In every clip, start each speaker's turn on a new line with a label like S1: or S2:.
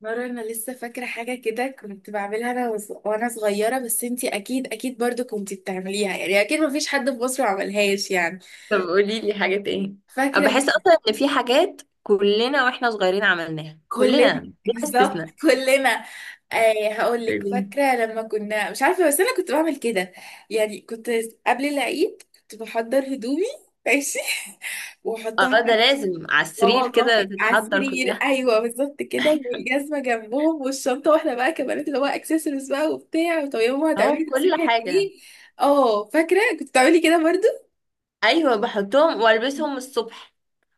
S1: مرة أنا لسه فاكرة حاجة كده كنت بعملها أنا وز- وأنا صغيرة، بس أنتي أكيد برضو كنتي بتعمليها. يعني أكيد مفيش حد في مصر ما عملهاش يعني.
S2: طب قولي لي حاجات ايه؟
S1: فاكرة
S2: أنا بحس
S1: لما
S2: اصلا ان في حاجات كلنا واحنا صغيرين عملناها
S1: كلنا
S2: كلنا بلا
S1: بالظبط
S2: استثناء.
S1: كلنا. آه هقولك،
S2: ايه.
S1: فاكرة لما كنا مش عارفة، بس أنا كنت بعمل كده، يعني كنت قبل العيد كنت بحضر هدومي. ماشي وأحطها.
S2: اه، ده لازم على
S1: اه
S2: السرير
S1: والله،
S2: كده
S1: على
S2: تتحضر
S1: السرير،
S2: كلها.
S1: ايوه بالظبط كده، والجزمه جنبهم والشنطه، واحنا بقى كبنات اللي هو اكسسوارز بقى وبتاع. طب يا ماما هتعملي
S2: اه، كل
S1: تسريحه
S2: حاجة.
S1: ايه؟ اه فاكره كنت بتعملي كده برضو.
S2: ايوه، بحطهم والبسهم الصبح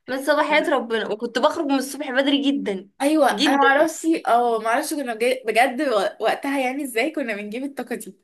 S2: من صباحيات ربنا، وكنت بخرج من الصبح بدري جدا
S1: ايوه انا
S2: جدا.
S1: معرفش، معرفش كنا بجد وقتها يعني ازاي كنا بنجيب الطاقه دي.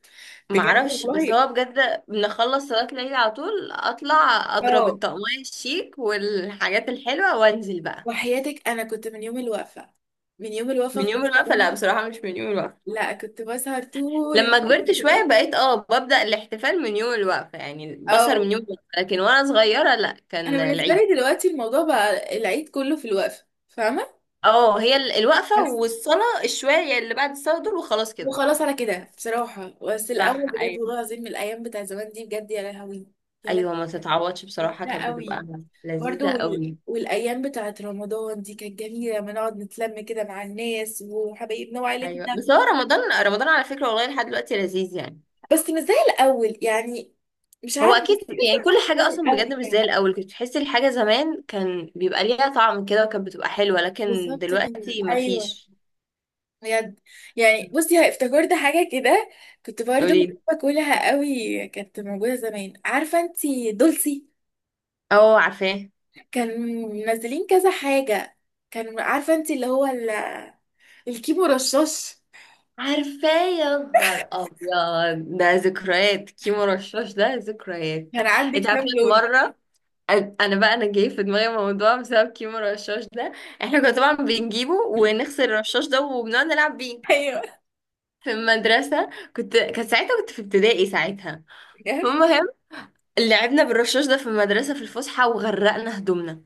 S1: بجد
S2: معرفش، بس
S1: والله.
S2: هو بجد بنخلص صلاة الليل على طول اطلع اضرب
S1: اه،
S2: الطقمية الشيك والحاجات الحلوة وانزل بقى.
S1: وحياتك انا كنت من يوم الوقفه، من يوم
S2: من
S1: الوقفه في
S2: يوم الوقفة،
S1: الصالون.
S2: لا بصراحة مش من يوم الوقفة.
S1: لا كنت بسهر طول
S2: لما كبرت شوية
S1: الوقت.
S2: بقيت ببدأ الاحتفال من يوم الوقفة، يعني البصر
S1: اه،
S2: من يوم الوقفة، لكن وانا صغيرة لا،
S1: انا
S2: كان
S1: بالنسبه
S2: العيد.
S1: لي دلوقتي الموضوع بقى العيد كله في الوقفه، فاهمه.
S2: اه، هي الوقفة
S1: بس
S2: والصلاة الشوية اللي بعد الصلاة دول وخلاص كده.
S1: وخلاص على كده بصراحه، بس
S2: صح،
S1: الاول بجد والله
S2: ايوه.
S1: العظيم من الايام بتاع زمان دي، بجد يا لهوي. يا لهوي
S2: ايوه، ما تتعوضش بصراحة،
S1: ممتعة
S2: كانت
S1: قوي.
S2: بتبقى لذيذة
S1: برضو وال-
S2: قوي.
S1: والايام بتاعت رمضان دي كانت جميله لما نقعد نتلم كده مع الناس وحبايبنا
S2: ايوه،
S1: وعيلتنا.
S2: بس هو رمضان رمضان على فكرة، والله لحد دلوقتي لذيذ يعني.
S1: بس مش زي الاول يعني. مش
S2: هو
S1: عارفه، بس
S2: اكيد،
S1: بحس
S2: يعني
S1: إن
S2: كل
S1: هو مش
S2: حاجة
S1: زي
S2: اصلا بجد
S1: الاول
S2: مش زي
S1: يعني.
S2: الاول، كنت تحسي الحاجة زمان كان بيبقى ليها طعم كده وكانت بتبقى حلوة، لكن
S1: بالظبط كده،
S2: دلوقتي
S1: ايوه
S2: مفيش.
S1: بجد. يعني بصي، افتكرت حاجة كده، كنت برضه
S2: قوليلي.
S1: باكلها قوي، كانت موجودة زمان، عارفة انتي دولسي؟
S2: اه عارفاه.
S1: كان منزلين كذا حاجة. كان عارفة انتي اللي هو الكيمو رشاش؟
S2: عارفاه، يا نهار ابيض ده ذكريات، كيمو رشاش ده ذكريات.
S1: كان عندك
S2: انت عارفه
S1: كام
S2: أنا
S1: لون؟
S2: مره، انا بقى انا جاي في دماغي موضوع بسبب كيمو رشاش ده. احنا كنا طبعا بنجيبه ونغسل الرشاش ده وبنقعد نلعب بيه
S1: ايوه،
S2: في المدرسه. كانت ساعتها كنت في ابتدائي ساعتها.
S1: بجد؟
S2: المهم، لعبنا بالرشاش ده في المدرسه في الفسحه وغرقنا هدومنا.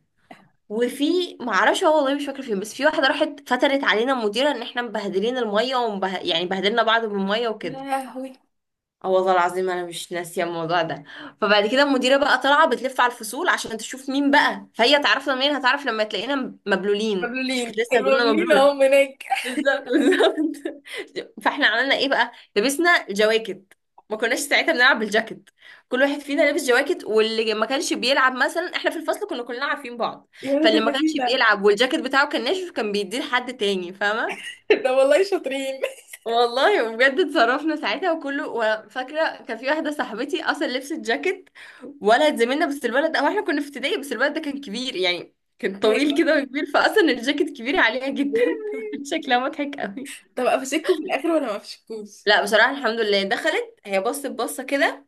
S2: وفي معرفش هو، والله مش فاكره فين، بس في واحده راحت فترت علينا المديره ان احنا مبهدلين الميه يعني بهدلنا بعض بالميه
S1: يا
S2: وكده.
S1: لهوي،
S2: اه والله العظيم انا مش ناسيه الموضوع ده. فبعد كده المديره بقى طالعه بتلف على الفصول عشان تشوف مين بقى، فهي تعرفنا منين؟ هتعرف لما تلاقينا مبلولين عشان كانت
S1: مبلولين
S2: لسه هدومنا
S1: المبلولين
S2: مبلوله.
S1: اهم هناك.
S2: بالظبط بالظبط. فاحنا عملنا ايه بقى؟ لبسنا جواكت. ما كناش ساعتها بنلعب بالجاكيت، كل واحد فينا لابس جواكت، واللي ما كانش بيلعب مثلا، احنا في الفصل كنا كلنا عارفين بعض،
S1: يا ولاد
S2: فاللي ما كانش
S1: اللذينة
S2: بيلعب والجاكيت بتاعه كان ناشف كان بيديه لحد تاني، فاهمه؟
S1: ده والله شاطرين.
S2: والله بجد اتصرفنا ساعتها وكله، وفاكره كان في واحده صاحبتي اصلا لبست جاكيت ولد زميلنا، بس الولد، او احنا كنا في ابتدائي، بس الولد ده كان كبير يعني، كان طويل
S1: ايوه.
S2: كده وكبير، فاصلا الجاكيت كبير عليها جدا شكلها مضحك قوي.
S1: طب افشكوا في الاخر ولا ما افشكوش؟
S2: لا بصراحه الحمد لله، دخلت هي بصت بصه كده،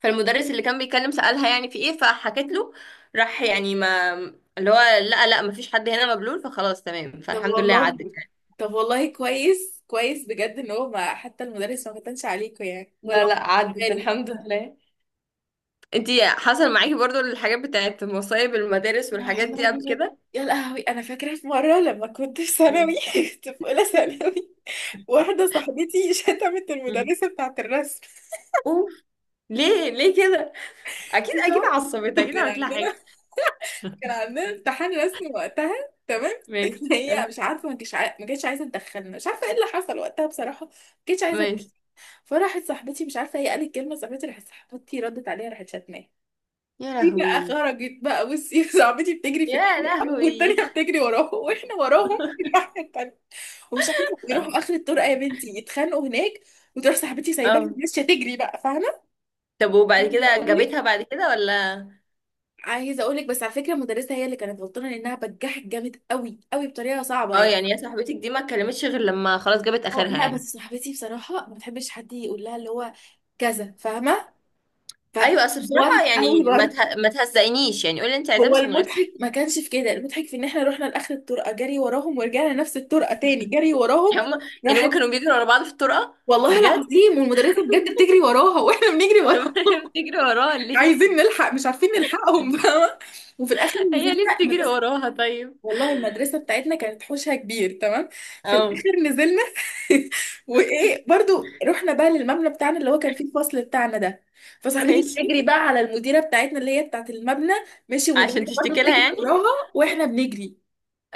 S2: فالمدرس اللي كان بيتكلم سالها يعني في ايه، فحكت له. راح يعني ما اللي هو لا لا ما فيش حد هنا مبلول، فخلاص تمام،
S1: طب
S2: فالحمد لله عدت.
S1: والله، طب والله كويس كويس، بجد ان هو ما حتى المدرس ما كتنش عليكوا يعني
S2: لا
S1: ولا هو
S2: لا،
S1: ما خدش
S2: عدت
S1: باله.
S2: الحمد لله. انتي حصل معاكي برضو الحاجات بتاعت مصايب المدارس
S1: يا
S2: والحاجات دي
S1: حلوة
S2: قبل
S1: بجد.
S2: كده؟
S1: يا لهوي، انا فاكره في مره لما كنت في
S2: اه.
S1: ثانوي، كنت في اولى ثانوي، واحده صاحبتي شتمت
S2: مم.
S1: المدرسه بتاعه الرسم.
S2: اوف. ليه ليه كده؟ اكيد
S1: مش
S2: اكيد
S1: عارفة.
S2: عصبت، اكيد
S1: كان
S2: عملت لها
S1: عندنا،
S2: حاجه.
S1: كان عندنا امتحان رسم وقتها، تمام.
S2: ماشي،
S1: هي
S2: اه.
S1: مش عارفه، ما كانتش عايزه تدخلنا، مش عارفه ايه اللي حصل وقتها بصراحه، ما كانتش عايزه.
S2: ماشي.
S1: فراحت صاحبتي، مش عارفه هي قالت كلمه، صاحبتي راحت، صاحبتي ردت عليها، راحت شتماها.
S2: يا
S1: دي بقى
S2: لهوي.
S1: خرجت بقى، بصي، صاحبتي بتجري في
S2: يا
S1: الطرقه
S2: لهوي.
S1: والتانيه بتجري وراهم، واحنا وراهم في الناحيه التانيه. ومش عارفه، ويروحوا اخر الطرقه يا بنتي يتخانقوا هناك، وتروح صاحبتي سايباها
S2: اه.
S1: ماشيه تجري بقى، فاهمه.
S2: طب وبعد
S1: عايزه
S2: كده
S1: اقول
S2: جابتها
S1: لك،
S2: بعد كده ولا؟
S1: عايزه اقول لك بس على فكره المدرسه هي اللي كانت غلطانه لانها بجحت جامد قوي قوي بطريقه صعبه
S2: اه.
S1: يعني.
S2: يعني يا صاحبتك دي ما اتكلمتش غير لما خلاص جابت
S1: اه،
S2: اخرها
S1: لا بس
S2: يعني.
S1: صاحبتي بصراحه ما بتحبش حد يقول لها اللي هو كذا، فاهمه؟
S2: ايوه، اصل
S1: فورت
S2: بصراحه
S1: قوي
S2: يعني
S1: برضه.
S2: ما تهزقنيش يعني، قولي انت عايزاه
S1: هو
S2: بس من غير
S1: المضحك ما كانش في كده، المضحك في ان احنا رحنا لاخر الطرقه جري وراهم ورجعنا نفس الطرقه تاني جري وراهم.
S2: تهزيق هم. يعني هم
S1: راحت،
S2: كانوا بيجروا ورا بعض في الطرقه؟
S1: والله
S2: بجد
S1: العظيم والمدرسه بجد بتجري وراها واحنا بنجري
S2: طب
S1: وراها.
S2: بتجري وراه ليه؟
S1: عايزين نلحق، مش عارفين نلحقهم، فاهمه. وفي الاخر
S2: هي
S1: نزلنا
S2: ليه بتجري
S1: المدرسه،
S2: وراها طيب؟
S1: والله المدرسه بتاعتنا كانت حوشها كبير تمام. في
S2: اه
S1: الاخر نزلنا وايه، برضو رحنا بقى للمبنى بتاعنا اللي هو كان فيه الفصل بتاعنا ده. فصاحبتي
S2: ماشي.
S1: بتجري بقى على المديره بتاعتنا اللي هي بتاعت المبنى. ماشي،
S2: عشان
S1: المدرسه برضو
S2: تشتكي لها
S1: بتجري
S2: يعني.
S1: وراها واحنا بنجري.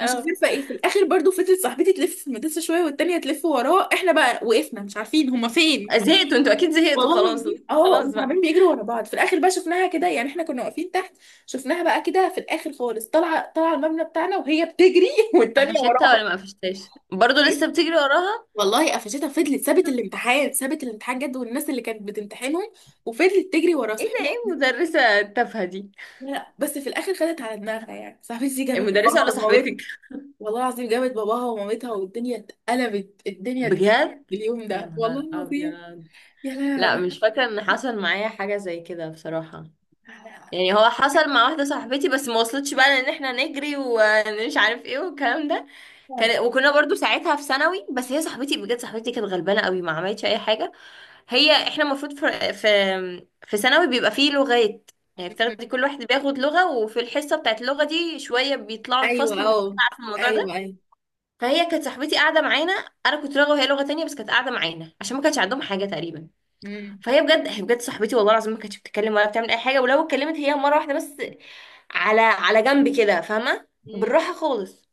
S1: مش عارفه ايه. في الاخر برضو فضلت صاحبتي تلف في المدرسه شويه والتانيه تلف وراه، احنا بقى وقفنا مش عارفين هما فين.
S2: زهقتوا انتوا، اكيد زهقتوا
S1: والله
S2: خلاص.
S1: العظيم اه،
S2: خلاص
S1: هم
S2: بقى.
S1: عمالين بيجروا ورا بعض. في الاخر بقى شفناها كده، يعني احنا كنا واقفين تحت. شفناها بقى كده في الاخر خالص، طالعه طالعه المبنى بتاعنا وهي بتجري، والتانيه
S2: قفشتها ولا
S1: وراها.
S2: ما قفشتهاش برضه لسه بتجري وراها؟
S1: والله قفشتها، فضلت سابت الامتحان، سابت الامتحان جد والناس اللي كانت بتمتحنهم، وفضلت تجري ورا
S2: ايه ده؟ ايه
S1: صاحبتي.
S2: المدرسة التافهة دي؟
S1: لا لا، بس في الاخر خدت على دماغها، يعني صاحبتي دي جابت،
S2: المدرسة ولا صاحبتك؟
S1: والله العظيم جابت باباها ومامتها والدنيا اتقلبت، الدنيا اتقلبت
S2: بجد.
S1: اليوم
S2: يا
S1: ده والله
S2: نهار
S1: العظيم.
S2: ابيض.
S1: يا
S2: لا
S1: لهوي.
S2: مش فاكرة ان حصل معايا حاجة زي كده بصراحة. يعني هو حصل مع واحدة صاحبتي بس ما وصلتش بقى، لان احنا نجري ومش عارف ايه والكلام ده. كان وكنا برضو ساعتها في ثانوي، بس هي صاحبتي بجد، صاحبتي كانت غلبانة قوي، ما عملتش اي حاجة. هي احنا المفروض في في ثانوي بيبقى فيه لغات. يعني بتاخدي، كل واحد بياخد لغة، وفي الحصة بتاعت اللغة دي شوية بيطلعوا الفصل
S1: ايوه
S2: وشوية،
S1: اه،
S2: عارفة الموضوع
S1: ايوه
S2: ده.
S1: ايوه.
S2: فهي كانت صاحبتي قاعدة معانا، انا كنت لغة وهي لغة تانية، بس كانت قاعدة معانا عشان ما كانش عندهم حاجة تقريبا.
S1: مم.
S2: فهي بجد، هي بجد صاحبتي والله العظيم ما كانتش بتتكلم ولا بتعمل اي حاجه، ولو اتكلمت هي مره واحده بس على جنب كده، فاهمه؟
S1: مم.
S2: بالراحه خالص.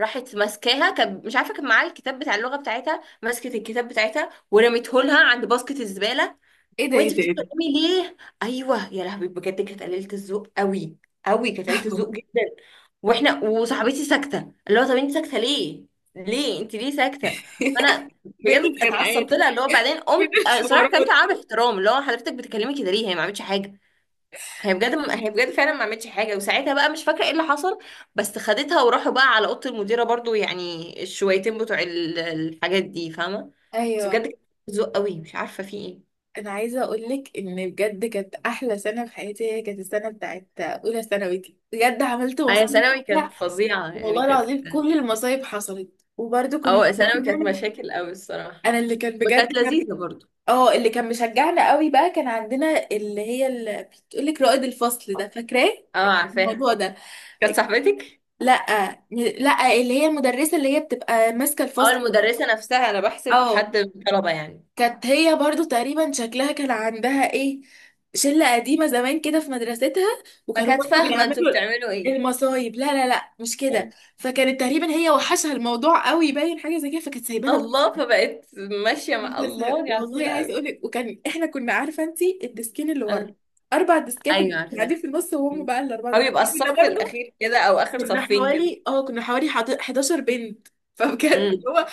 S2: راحت ماسكاها، كان مش عارفه كان معاها الكتاب بتاع اللغه بتاعتها، مسكت الكتاب بتاعتها ورميته لها عند باسكت الزباله.
S1: ايه ده، ايه
S2: وانت
S1: ده، ايه ده؟
S2: بتتكلمي ليه؟ ايوه يا لهوي، بجد كانت قليله الذوق قوي، قوي، كانت قليله
S1: أهو.
S2: الذوق جدا. واحنا وصاحبتي ساكته، اللي هو طب انت ساكته ليه، ليه انت ليه ساكته. فانا
S1: بين
S2: بجد
S1: الخناقات،
S2: اتعصبت لها، اللي هو بعدين
S1: بين
S2: قمت آه، صراحه كلمت
S1: الحوارات،
S2: معاها باحترام، اللي هو حضرتك بتتكلمي كده ليه؟ هي ما عملتش حاجه. هي بجد، هي بجد فعلا ما عملتش حاجه، وساعتها بقى مش فاكره ايه اللي حصل. بس خدتها وراحوا بقى على اوضه المديره برضو، يعني الشويتين بتوع الحاجات دي فاهمه. بس بجد
S1: ايوه.
S2: كانت قلة ذوق قوي، مش عارفه في ايه.
S1: انا عايزه اقول لك ان بجد كانت احلى سنه في حياتي، هي كانت السنه بتاعت اولى ثانوي دي، بجد عملت
S2: هي
S1: مصايب.
S2: ثانوي كانت
S1: لا،
S2: فظيعة، يعني
S1: والله
S2: كانت.
S1: العظيم كل المصايب حصلت، وبرده كنا
S2: أو ثانوي كانت
S1: بنعمل-
S2: مشاكل أوي الصراحة.
S1: انا اللي كان
S2: وكانت
S1: بجد،
S2: لذيذة برضو.
S1: اه اللي كان مشجعنا قوي بقى كان عندنا اللي هي، اللي بتقولك رائد الفصل ده، فاكراه
S2: اه عارفاها.
S1: الموضوع ده؟
S2: كانت صاحبتك
S1: لا لا اللي هي المدرسة اللي هي بتبقى ماسكة
S2: أو
S1: الفصل.
S2: المدرسة نفسها؟ أنا بحسب
S1: اه،
S2: حد من الطلبة يعني.
S1: كانت هي برضو تقريبا شكلها كان عندها ايه، شلة قديمة زمان كده في مدرستها، وكانوا
S2: فكانت
S1: برضو
S2: فاهمة انتوا
S1: بيعملوا
S2: بتعملوا ايه.
S1: المصايب. لا مش كده،
S2: آه.
S1: فكانت تقريبا هي وحشها الموضوع قوي باين حاجة زي كده، فكانت سايبانا.
S2: الله، فبقت ماشية مع
S1: بس
S2: الله، دي عسولة
S1: والله عايز اقول
S2: أوي.
S1: لك، وكان احنا كنا عارفه انت الديسكين اللي ورا،
S2: آه.
S1: اربع ديسكات اللي
S2: أيوة
S1: كانوا
S2: عارفاها.
S1: قاعدين في النص، وهم
S2: مم.
S1: بقى الاربعه
S2: أو
S1: دول
S2: يبقى
S1: كنا
S2: الصف
S1: برضو.
S2: الأخير كده، أو آخر
S1: كنا
S2: صفين كده.
S1: حوالي اه كنا حوالي 11 بنت، فبجد اللي
S2: امم.
S1: هو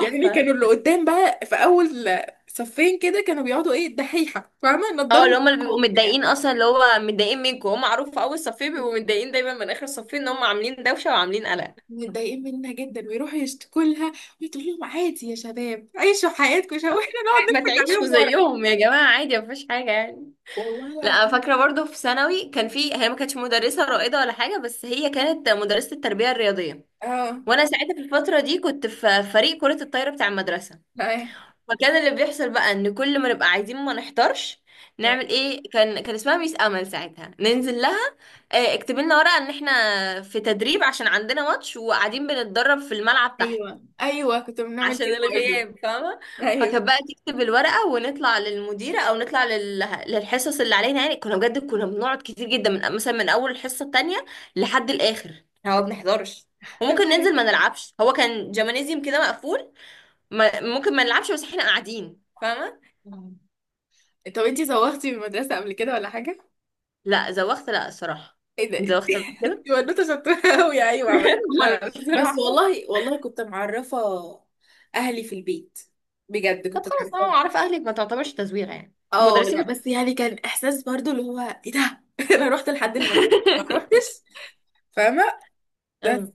S1: يعني، كانوا اللي قدام بقى في اول صفين كده كانوا بيقعدوا ايه، الدحيحه، فاهمه،
S2: اه،
S1: نضاره
S2: اللي هما اللي بيبقوا
S1: وبتاع،
S2: متضايقين اصلا، اللي هو متضايقين منكم، هم معروف في اول صفين بيبقوا متضايقين دايما من اخر صفين ان هم عاملين دوشه وعاملين قلق.
S1: متضايقين منها جدا ويروحوا يشتكوا لها، وتقول لهم عادي يا شباب، عيشوا حياتكم شباب،
S2: آه،
S1: واحنا نقعد
S2: ما
S1: نضحك
S2: تعيشوا
S1: عليهم ورا.
S2: زيهم يا جماعة، عادي مفيش حاجة يعني.
S1: والله
S2: لا
S1: العظيم.
S2: فاكرة برضو في ثانوي كان في، هي ما كانتش مدرسة رائدة ولا حاجة، بس هي كانت مدرسة التربية الرياضية.
S1: اه
S2: وانا ساعتها في الفترة دي كنت في فريق كرة الطايرة بتاع المدرسة. فكان اللي بيحصل بقى ان كل ما نبقى عايزين ما نحضرش،
S1: لا،
S2: نعمل ايه؟ كان اسمها ميس امل ساعتها، ننزل لها آه، اكتب لنا ورقة ان احنا في تدريب عشان عندنا ماتش وقاعدين بنتدرب في الملعب تحت،
S1: ايوه ايوه كنت بنعمل
S2: عشان
S1: كده برضه.
S2: الغياب فاهمة.
S1: ايوه
S2: فكانت بقى تكتب الورقة ونطلع للمديرة، أو نطلع للحصص اللي علينا يعني. كنا بجد، كنا بنقعد كتير جدا من مثلا من أول الحصة التانية لحد الآخر، إحنا ما بنحضرش.
S1: أنا مش
S2: وممكن ننزل ما
S1: عارفة.
S2: نلعبش، هو كان جمانيزيوم كده مقفول. ما... ممكن ما نلعبش، بس احنا قاعدين فاهمة.
S1: طب انتي زوغتي من المدرسة قبل كده ولا حاجة؟
S2: لا زوخت لا الصراحة.
S1: ايه ده،
S2: انت زوخت قبل كده؟
S1: دي بنوته شطوره قوي، ايوه عملت مرة،
S2: لا
S1: بس
S2: بصراحة.
S1: والله والله كنت معرفه اهلي في البيت، بجد
S2: طب
S1: كنت
S2: خلاص، انا
S1: معرفه.
S2: عارف اهلك ما تعتبرش تزويغ يعني.
S1: اه
S2: المدرسين
S1: لا،
S2: مش.
S1: بس يعني كان احساس برضو اللي هو، ايه ده، انا رحت لحد المدرسه ما روحتش، فاهمه؟ بس
S2: اه.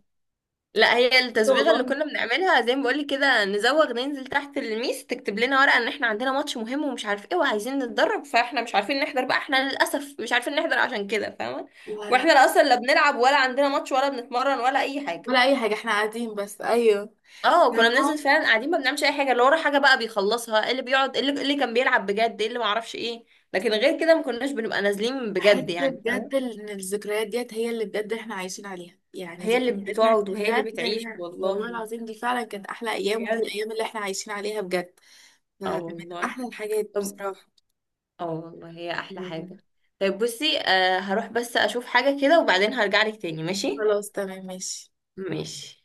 S2: لا هي التزويغه اللي
S1: والله،
S2: كنا بنعملها زي ما بقولك كده نزوغ، ننزل تحت الميس تكتب لنا ورقه ان احنا عندنا ماتش مهم ومش عارف ايه وعايزين نتدرب، فاحنا مش عارفين نحضر بقى، احنا للاسف مش عارفين نحضر عشان كده فاهمه.
S1: لا لا،
S2: واحنا لا اصلا لا بنلعب ولا عندنا ماتش ولا بنتمرن ولا اي حاجه.
S1: ولا أي حاجة، احنا قاعدين بس، أيوه.
S2: اه كنا بننزل فعلا قاعدين ما بنعملش اي حاجه، اللي ورا حاجه بقى بيخلصها، اللي بيقعد اللي كان بيلعب بجد، اللي ما اعرفش ايه. لكن غير كده ما كناش بنبقى نازلين
S1: بحس
S2: بجد يعني
S1: بجد
S2: فاهمه.
S1: ان الذكريات ديت هي اللي بجد احنا عايشين عليها، يعني
S2: هي اللي
S1: ذكرياتنا
S2: بتقعد
S1: دي
S2: وهي اللي
S1: بجد
S2: بتعيش
S1: هي والله
S2: والله،
S1: العظيم دي فعلا كانت احلى ايام، وفي
S2: بجد.
S1: الايام اللي احنا عايشين عليها بجد.
S2: اه
S1: فمن
S2: والله.
S1: احلى الحاجات
S2: طب
S1: بصراحة،
S2: اه والله هي احلى
S1: يعني.
S2: حاجة. طيب بصي آه، هروح بس اشوف حاجة كده وبعدين هرجع لك تاني، ماشي.
S1: خلاص تمام، ماشي.
S2: ماشي.